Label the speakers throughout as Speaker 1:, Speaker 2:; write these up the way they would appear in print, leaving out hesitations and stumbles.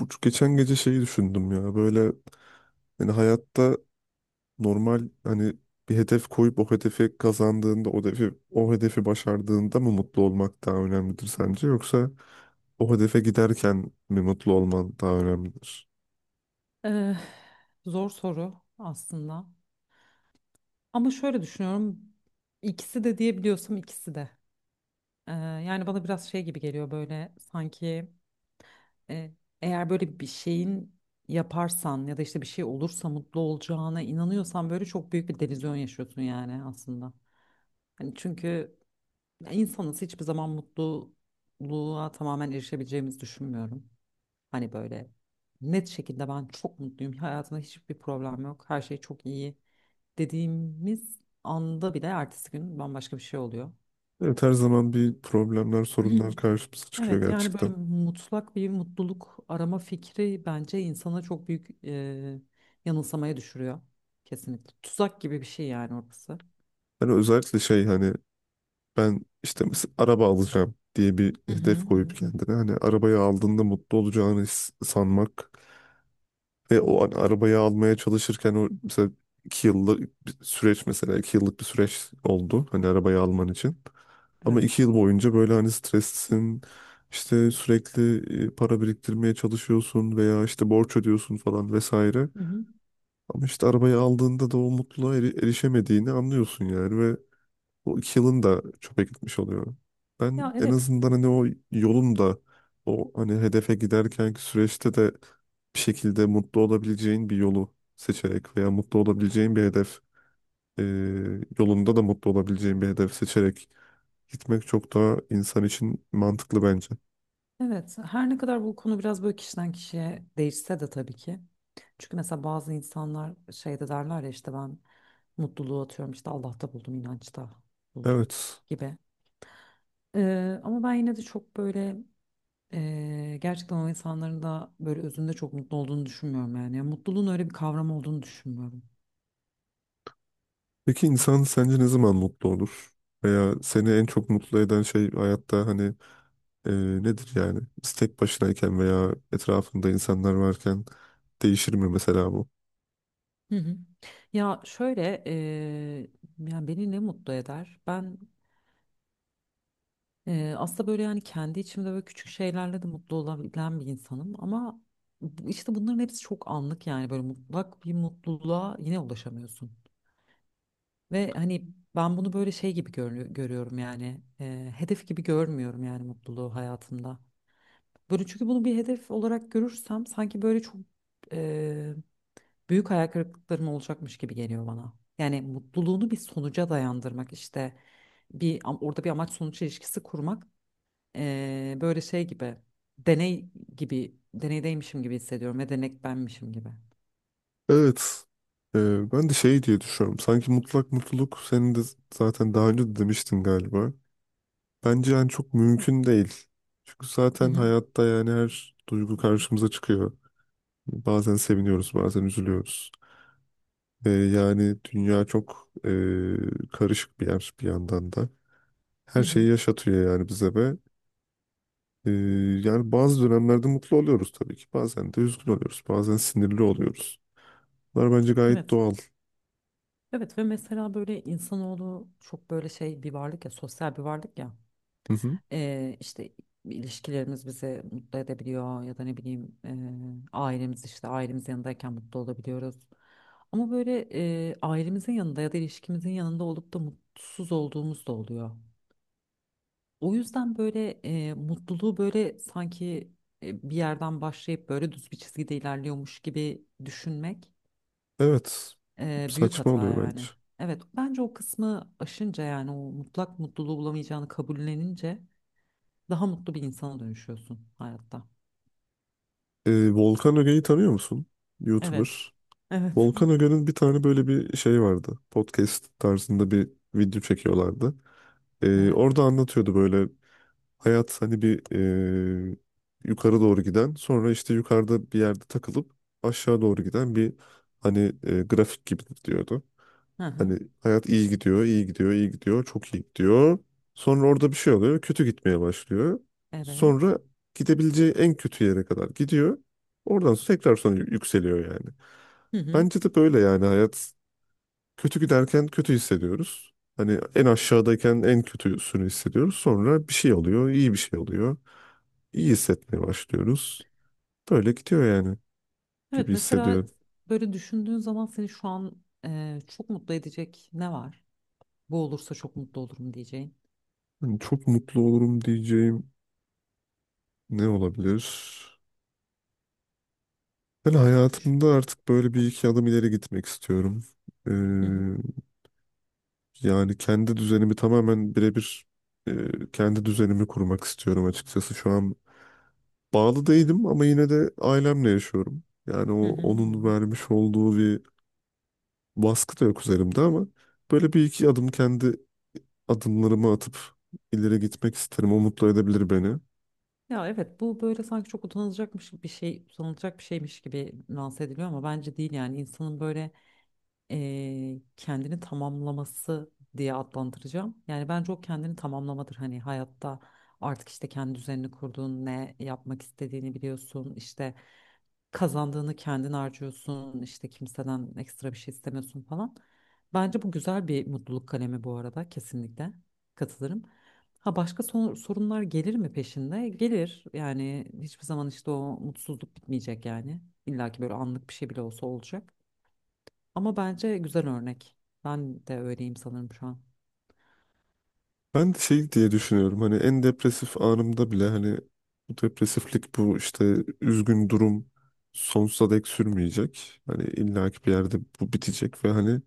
Speaker 1: Bu geçen gece şeyi düşündüm ya böyle, hani, hayatta, normal, hani bir hedef koyup o hedefi kazandığında, o hedefi başardığında mı mutlu olmak daha önemlidir sence, yoksa o hedefe giderken mi mutlu olman daha önemlidir?
Speaker 2: Ee, Zor soru aslında. Ama şöyle düşünüyorum. İkisi de diyebiliyorsam ikisi de. Yani bana biraz şey gibi geliyor böyle sanki e, eğer böyle bir şeyin yaparsan ya da işte bir şey olursa mutlu olacağına inanıyorsan böyle çok büyük bir delüzyon yaşıyorsun yani aslında. Hani çünkü insanız hiçbir zaman mutluluğa tamamen erişebileceğimizi düşünmüyorum. Hani böyle net şekilde ben çok mutluyum. Hayatımda hiçbir problem yok. Her şey çok iyi dediğimiz anda bile ertesi gün bambaşka bir şey oluyor.
Speaker 1: Evet, her zaman bir problemler, sorunlar karşımıza çıkıyor
Speaker 2: Evet, yani böyle
Speaker 1: gerçekten.
Speaker 2: mutlak bir mutluluk arama fikri bence insana çok büyük yanılsamaya düşürüyor. Kesinlikle. Tuzak gibi bir şey yani orası.
Speaker 1: Hani özellikle şey, hani ben, işte mesela araba alacağım diye bir
Speaker 2: Hı hı
Speaker 1: hedef
Speaker 2: hı hı.
Speaker 1: koyup kendine, hani arabayı aldığında mutlu olacağını sanmak. Ve o an arabayı almaya çalışırken, o mesela 2 yıllık bir süreç, mesela 2 yıllık bir süreç oldu hani arabayı alman için. Ama
Speaker 2: Evet.
Speaker 1: 2 yıl boyunca böyle hani streslisin, işte sürekli para biriktirmeye çalışıyorsun veya işte borç ödüyorsun falan vesaire.
Speaker 2: Hı hı.
Speaker 1: Ama işte arabayı aldığında da o mutluluğa erişemediğini anlıyorsun yani, ve o 2 yılın da çöpe gitmiş oluyor. Ben
Speaker 2: Ya,
Speaker 1: en
Speaker 2: evet.
Speaker 1: azından hani o yolun da, o hani hedefe giderkenki süreçte de bir şekilde mutlu olabileceğin bir yolu seçerek veya mutlu olabileceğin bir hedef, e, yolunda da mutlu olabileceğin bir hedef seçerek gitmek çok daha insan için mantıklı bence.
Speaker 2: Evet, her ne kadar bu konu biraz böyle kişiden kişiye değişse de tabii ki. Çünkü mesela bazı insanlar şey de derler ya, işte ben mutluluğu atıyorum işte Allah'ta buldum, inançta buldum
Speaker 1: Evet.
Speaker 2: gibi. Ama ben yine de çok böyle gerçekten o insanların da böyle özünde çok mutlu olduğunu düşünmüyorum yani. Yani mutluluğun öyle bir kavram olduğunu düşünmüyorum.
Speaker 1: Peki insan sence ne zaman mutlu olur? Veya seni en çok mutlu eden şey hayatta, hani, Ee, nedir yani? Biz tek başınayken veya etrafında insanlar varken değişir mi mesela bu?
Speaker 2: Hı hı. Ya şöyle yani beni ne mutlu eder? Ben aslında böyle yani kendi içimde böyle küçük şeylerle de mutlu olabilen bir insanım ama işte bunların hepsi çok anlık yani böyle mutlak bir mutluluğa yine ulaşamıyorsun. Ve hani ben bunu böyle şey gibi görüyorum yani hedef gibi görmüyorum yani mutluluğu hayatımda. Böyle çünkü bunu bir hedef olarak görürsem sanki böyle çok e, büyük hayal kırıklıklarım olacakmış gibi geliyor bana. Yani mutluluğunu bir sonuca dayandırmak işte orada bir amaç sonuç ilişkisi kurmak. Böyle şey gibi deney gibi deneydeymişim gibi hissediyorum ve denek benmişim gibi.
Speaker 1: Evet. Ben de şey diye düşünüyorum. Sanki mutlak mutluluk, senin de zaten daha önce de demiştin galiba. Bence yani çok mümkün değil. Çünkü
Speaker 2: Hı
Speaker 1: zaten
Speaker 2: hı,
Speaker 1: hayatta yani her duygu karşımıza çıkıyor. Bazen seviniyoruz, bazen üzülüyoruz. Yani dünya çok karışık bir yer bir yandan da.
Speaker 2: hı
Speaker 1: Her
Speaker 2: hı.
Speaker 1: şeyi yaşatıyor yani bize. Ve Ee, yani bazı dönemlerde mutlu oluyoruz tabii ki. Bazen de üzgün oluyoruz. Bazen sinirli oluyoruz. Bunlar bence gayet
Speaker 2: Evet.
Speaker 1: doğal.
Speaker 2: Evet ve mesela böyle insanoğlu çok böyle şey bir varlık ya, sosyal bir varlık ya.
Speaker 1: Hı hı.
Speaker 2: İşte ilişkilerimiz bizi mutlu edebiliyor ya da ne bileyim ailemiz işte ailemiz yanındayken mutlu olabiliyoruz. Ama böyle ailemizin yanında ya da ilişkimizin yanında olup da mutsuz olduğumuz da oluyor. O yüzden böyle mutluluğu böyle sanki bir yerden başlayıp böyle düz bir çizgide ilerliyormuş gibi düşünmek
Speaker 1: Evet.
Speaker 2: büyük
Speaker 1: Saçma
Speaker 2: hata
Speaker 1: oluyor bence.
Speaker 2: yani. Evet bence o kısmı aşınca yani o mutlak mutluluğu bulamayacağını kabullenince daha mutlu bir insana dönüşüyorsun hayatta.
Speaker 1: Volkan Öge'yi tanıyor musun?
Speaker 2: Evet.
Speaker 1: YouTuber.
Speaker 2: Evet.
Speaker 1: Volkan Öge'nin bir tane böyle bir şey vardı. Podcast tarzında bir video çekiyorlardı.
Speaker 2: Evet.
Speaker 1: Orada anlatıyordu böyle, hayat hani bir e, yukarı doğru giden, sonra işte yukarıda bir yerde takılıp aşağı doğru giden bir, hani grafik gibidir diyordu.
Speaker 2: Hı hı.
Speaker 1: Hani hayat iyi gidiyor, iyi gidiyor, iyi gidiyor, çok iyi gidiyor. Sonra orada bir şey oluyor, kötü gitmeye başlıyor.
Speaker 2: Evet.
Speaker 1: Sonra gidebileceği en kötü yere kadar gidiyor. Oradan sonra tekrar sonra yükseliyor yani.
Speaker 2: Hı hı.
Speaker 1: Bence de böyle yani, hayat kötü giderken kötü hissediyoruz. Hani en aşağıdayken en kötüsünü hissediyoruz. Sonra bir şey oluyor, iyi bir şey oluyor. İyi hissetmeye başlıyoruz. Böyle gidiyor yani, gibi
Speaker 2: Evet mesela
Speaker 1: hissediyorum.
Speaker 2: böyle düşündüğün zaman seni şu an çok mutlu edecek ne var? Bu olursa çok mutlu olurum diyeceğin.
Speaker 1: Hani çok mutlu olurum diyeceğim ne olabilir? Ben
Speaker 2: Düşün
Speaker 1: hayatımda artık böyle bir
Speaker 2: bakalım.
Speaker 1: iki adım ileri gitmek istiyorum. Ee,
Speaker 2: Hı hı.
Speaker 1: Yani kendi düzenimi tamamen birebir, kendi düzenimi kurmak istiyorum açıkçası. Şu an bağlı değilim ama yine de ailemle yaşıyorum. Yani o,
Speaker 2: Hı hı hı
Speaker 1: onun
Speaker 2: hı.
Speaker 1: vermiş olduğu bir baskı da yok üzerimde ama böyle bir iki adım kendi adımlarımı atıp ileri gitmek isterim. O mutlu edebilir beni.
Speaker 2: Ya, evet bu böyle sanki çok utanılacakmış bir şey utanılacak bir şeymiş gibi lanse ediliyor ama bence değil yani insanın böyle kendini tamamlaması diye adlandıracağım. Yani bence o kendini tamamlamadır. Hani hayatta artık işte kendi düzenini kurduğun, ne yapmak istediğini biliyorsun. İşte kazandığını kendin harcıyorsun. İşte kimseden ekstra bir şey istemiyorsun falan. Bence bu güzel bir mutluluk kalemi bu arada, kesinlikle katılırım. Ha, başka sorunlar gelir mi peşinde? Gelir. Yani hiçbir zaman işte o mutsuzluk bitmeyecek yani. İlla ki böyle anlık bir şey bile olsa olacak. Ama bence güzel örnek. Ben de öyleyim sanırım şu an.
Speaker 1: Ben de şey diye düşünüyorum, hani en depresif anımda bile, hani bu depresiflik, bu işte üzgün durum sonsuza dek sürmeyecek. Hani illaki bir yerde bu bitecek ve hani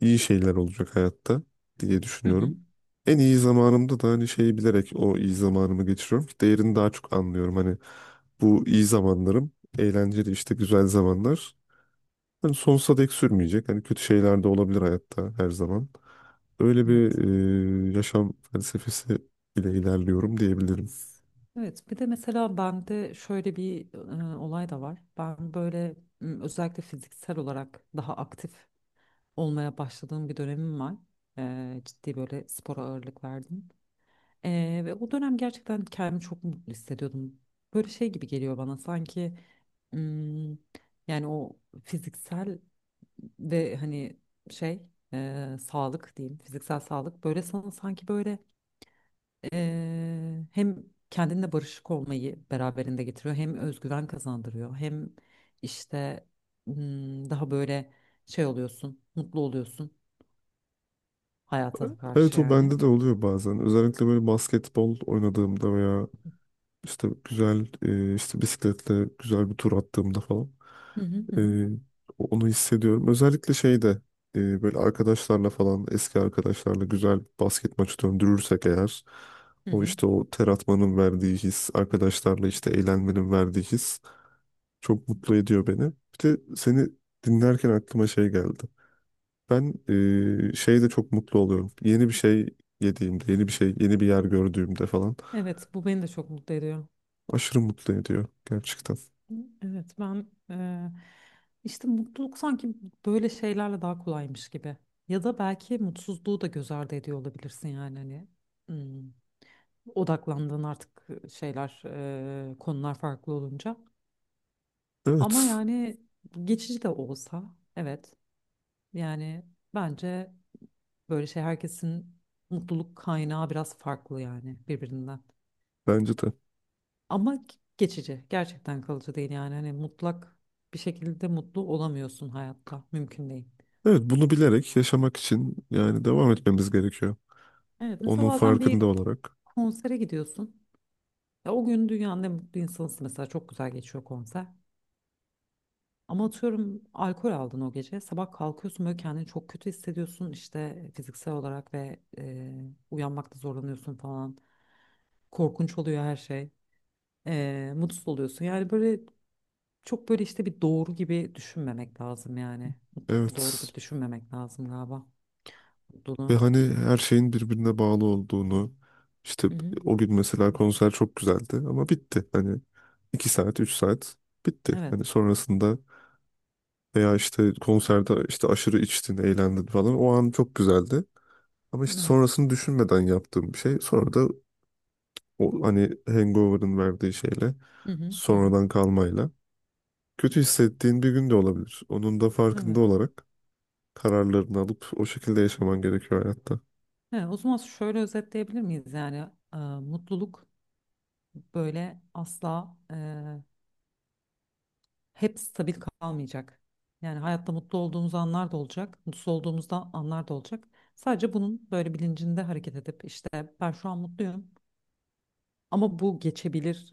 Speaker 1: iyi şeyler olacak hayatta diye
Speaker 2: Hı hı.
Speaker 1: düşünüyorum. En iyi zamanımda da hani şeyi bilerek o iyi zamanımı geçiriyorum ki değerini daha çok anlıyorum. Hani bu iyi zamanlarım, eğlenceli işte güzel zamanlar hani sonsuza dek sürmeyecek. Hani kötü şeyler de olabilir hayatta her zaman. Öyle bir
Speaker 2: Evet.
Speaker 1: yaşam felsefesi ile ilerliyorum diyebilirim.
Speaker 2: Evet. Bir de mesela bende şöyle bir olay da var. Ben böyle özellikle fiziksel olarak daha aktif olmaya başladığım bir dönemim var. Ciddi böyle spora ağırlık verdim. Ve o dönem gerçekten kendimi çok mutlu hissediyordum. Böyle şey gibi geliyor bana sanki m, yani o fiziksel ve hani şey sağlık diyeyim, fiziksel sağlık böyle sana sanki böyle hem kendinle barışık olmayı beraberinde getiriyor, hem özgüven kazandırıyor, hem işte daha böyle şey oluyorsun, mutlu oluyorsun hayata karşı
Speaker 1: Evet, o
Speaker 2: yani.
Speaker 1: bende de oluyor bazen. Özellikle böyle basketbol oynadığımda veya işte güzel, işte bisikletle güzel bir tur attığımda falan.
Speaker 2: Hı hı hı hı
Speaker 1: Ee, Onu hissediyorum. Özellikle şeyde, böyle arkadaşlarla falan, eski arkadaşlarla güzel basket maçı döndürürsek eğer,
Speaker 2: hı
Speaker 1: o
Speaker 2: hı.
Speaker 1: işte o ter atmanın verdiği his, arkadaşlarla işte eğlenmenin verdiği his çok mutlu ediyor beni. Bir de seni dinlerken aklıma şey geldi. Ben şeyde çok mutlu oluyorum. Yeni bir şey yediğimde, yeni bir şey, yeni bir yer gördüğümde falan,
Speaker 2: Evet bu beni de çok mutlu ediyor.
Speaker 1: aşırı mutlu ediyor gerçekten.
Speaker 2: Evet ben işte mutluluk sanki böyle şeylerle daha kolaymış gibi. Ya da belki mutsuzluğu da göz ardı ediyor olabilirsin yani hani hmm, odaklandığın artık şeyler konular farklı olunca. Ama
Speaker 1: Evet,
Speaker 2: yani geçici de olsa, evet yani bence böyle şey, herkesin mutluluk kaynağı biraz farklı yani birbirinden.
Speaker 1: bence de.
Speaker 2: Ama geçici. Gerçekten kalıcı değil yani. Hani mutlak bir şekilde mutlu olamıyorsun hayatta. Mümkün değil.
Speaker 1: Evet, bunu bilerek yaşamak için yani devam etmemiz gerekiyor.
Speaker 2: Evet mesela
Speaker 1: Onun
Speaker 2: bazen bir
Speaker 1: farkında olarak.
Speaker 2: konsere gidiyorsun. Ya o gün dünyanın en mutlu insanısın mesela. Çok güzel geçiyor konser. Ama atıyorum alkol aldın o gece. Sabah kalkıyorsun böyle kendini çok kötü hissediyorsun. İşte fiziksel olarak ve uyanmakta zorlanıyorsun falan. Korkunç oluyor her şey. Mutsuz oluyorsun. Yani böyle çok böyle işte bir doğru gibi düşünmemek lazım yani. Mutlak bir doğru
Speaker 1: Evet.
Speaker 2: gibi düşünmemek lazım galiba.
Speaker 1: Ve
Speaker 2: Mutluluğu.
Speaker 1: hani her şeyin birbirine bağlı olduğunu, işte
Speaker 2: Hı hı.
Speaker 1: o gün mesela konser çok güzeldi ama bitti. Hani 2 saat, 3 saat, bitti.
Speaker 2: Evet.
Speaker 1: Hani sonrasında, veya işte konserde işte aşırı içtin, eğlendin falan. O an çok güzeldi. Ama işte
Speaker 2: Evet.
Speaker 1: sonrasını düşünmeden yaptığım bir şey. Sonra da o hani hangover'ın verdiği şeyle,
Speaker 2: Hı hı. Hı hı.
Speaker 1: sonradan kalmayla. Kötü hissettiğin bir gün de olabilir. Onun da farkında
Speaker 2: Evet.
Speaker 1: olarak kararlarını alıp o şekilde yaşaman gerekiyor hayatta.
Speaker 2: He, o zaman şöyle özetleyebilir miyiz yani mutluluk böyle asla hep stabil kalmayacak. Yani hayatta mutlu olduğumuz anlar da olacak, mutsuz olduğumuzda anlar da olacak. Sadece bunun böyle bilincinde hareket edip işte ben şu an mutluyum. Ama bu geçebilir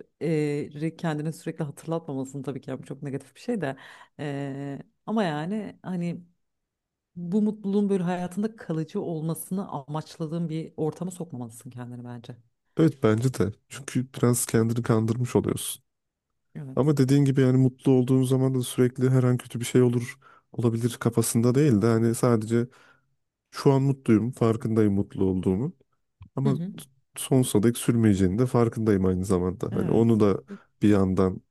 Speaker 2: kendine sürekli hatırlatmamasını tabii ki yani, bu çok negatif bir şey de. E, Ama yani hani bu mutluluğun böyle hayatında kalıcı olmasını amaçladığın bir ortama sokmamalısın kendini bence.
Speaker 1: Evet, bence de. Çünkü biraz kendini kandırmış oluyorsun. Ama
Speaker 2: Evet.
Speaker 1: dediğin gibi yani, mutlu olduğun zaman da sürekli her an kötü bir şey olur, olabilir kafasında değil de hani sadece şu an mutluyum, farkındayım mutlu olduğumu.
Speaker 2: Hı
Speaker 1: Ama
Speaker 2: hı.
Speaker 1: sonsuza dek sürmeyeceğini de farkındayım aynı zamanda. Hani onu
Speaker 2: Evet.
Speaker 1: da bir yandan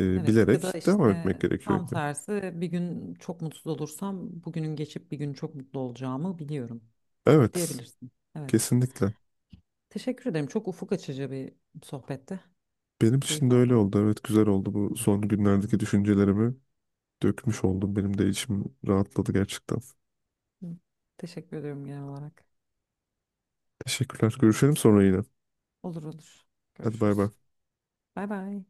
Speaker 2: Evet. Ya da
Speaker 1: bilerek devam
Speaker 2: işte
Speaker 1: etmek gerekiyor
Speaker 2: tam
Speaker 1: gibi.
Speaker 2: tersi, bir gün çok mutsuz olursam bugünün geçip bir gün çok mutlu olacağımı biliyorum
Speaker 1: Evet,
Speaker 2: diyebilirsin. Evet.
Speaker 1: kesinlikle.
Speaker 2: Teşekkür ederim. Çok ufuk açıcı bir sohbette.
Speaker 1: Benim
Speaker 2: Keyif
Speaker 1: için de öyle
Speaker 2: aldım.
Speaker 1: oldu. Evet, güzel oldu. Bu son günlerdeki düşüncelerimi dökmüş oldum. Benim de içim rahatladı gerçekten.
Speaker 2: Hı. Teşekkür ediyorum genel olarak.
Speaker 1: Teşekkürler. Görüşelim sonra yine.
Speaker 2: Olur olur.
Speaker 1: Hadi bay
Speaker 2: Görüşürüz.
Speaker 1: bay.
Speaker 2: Bay bay.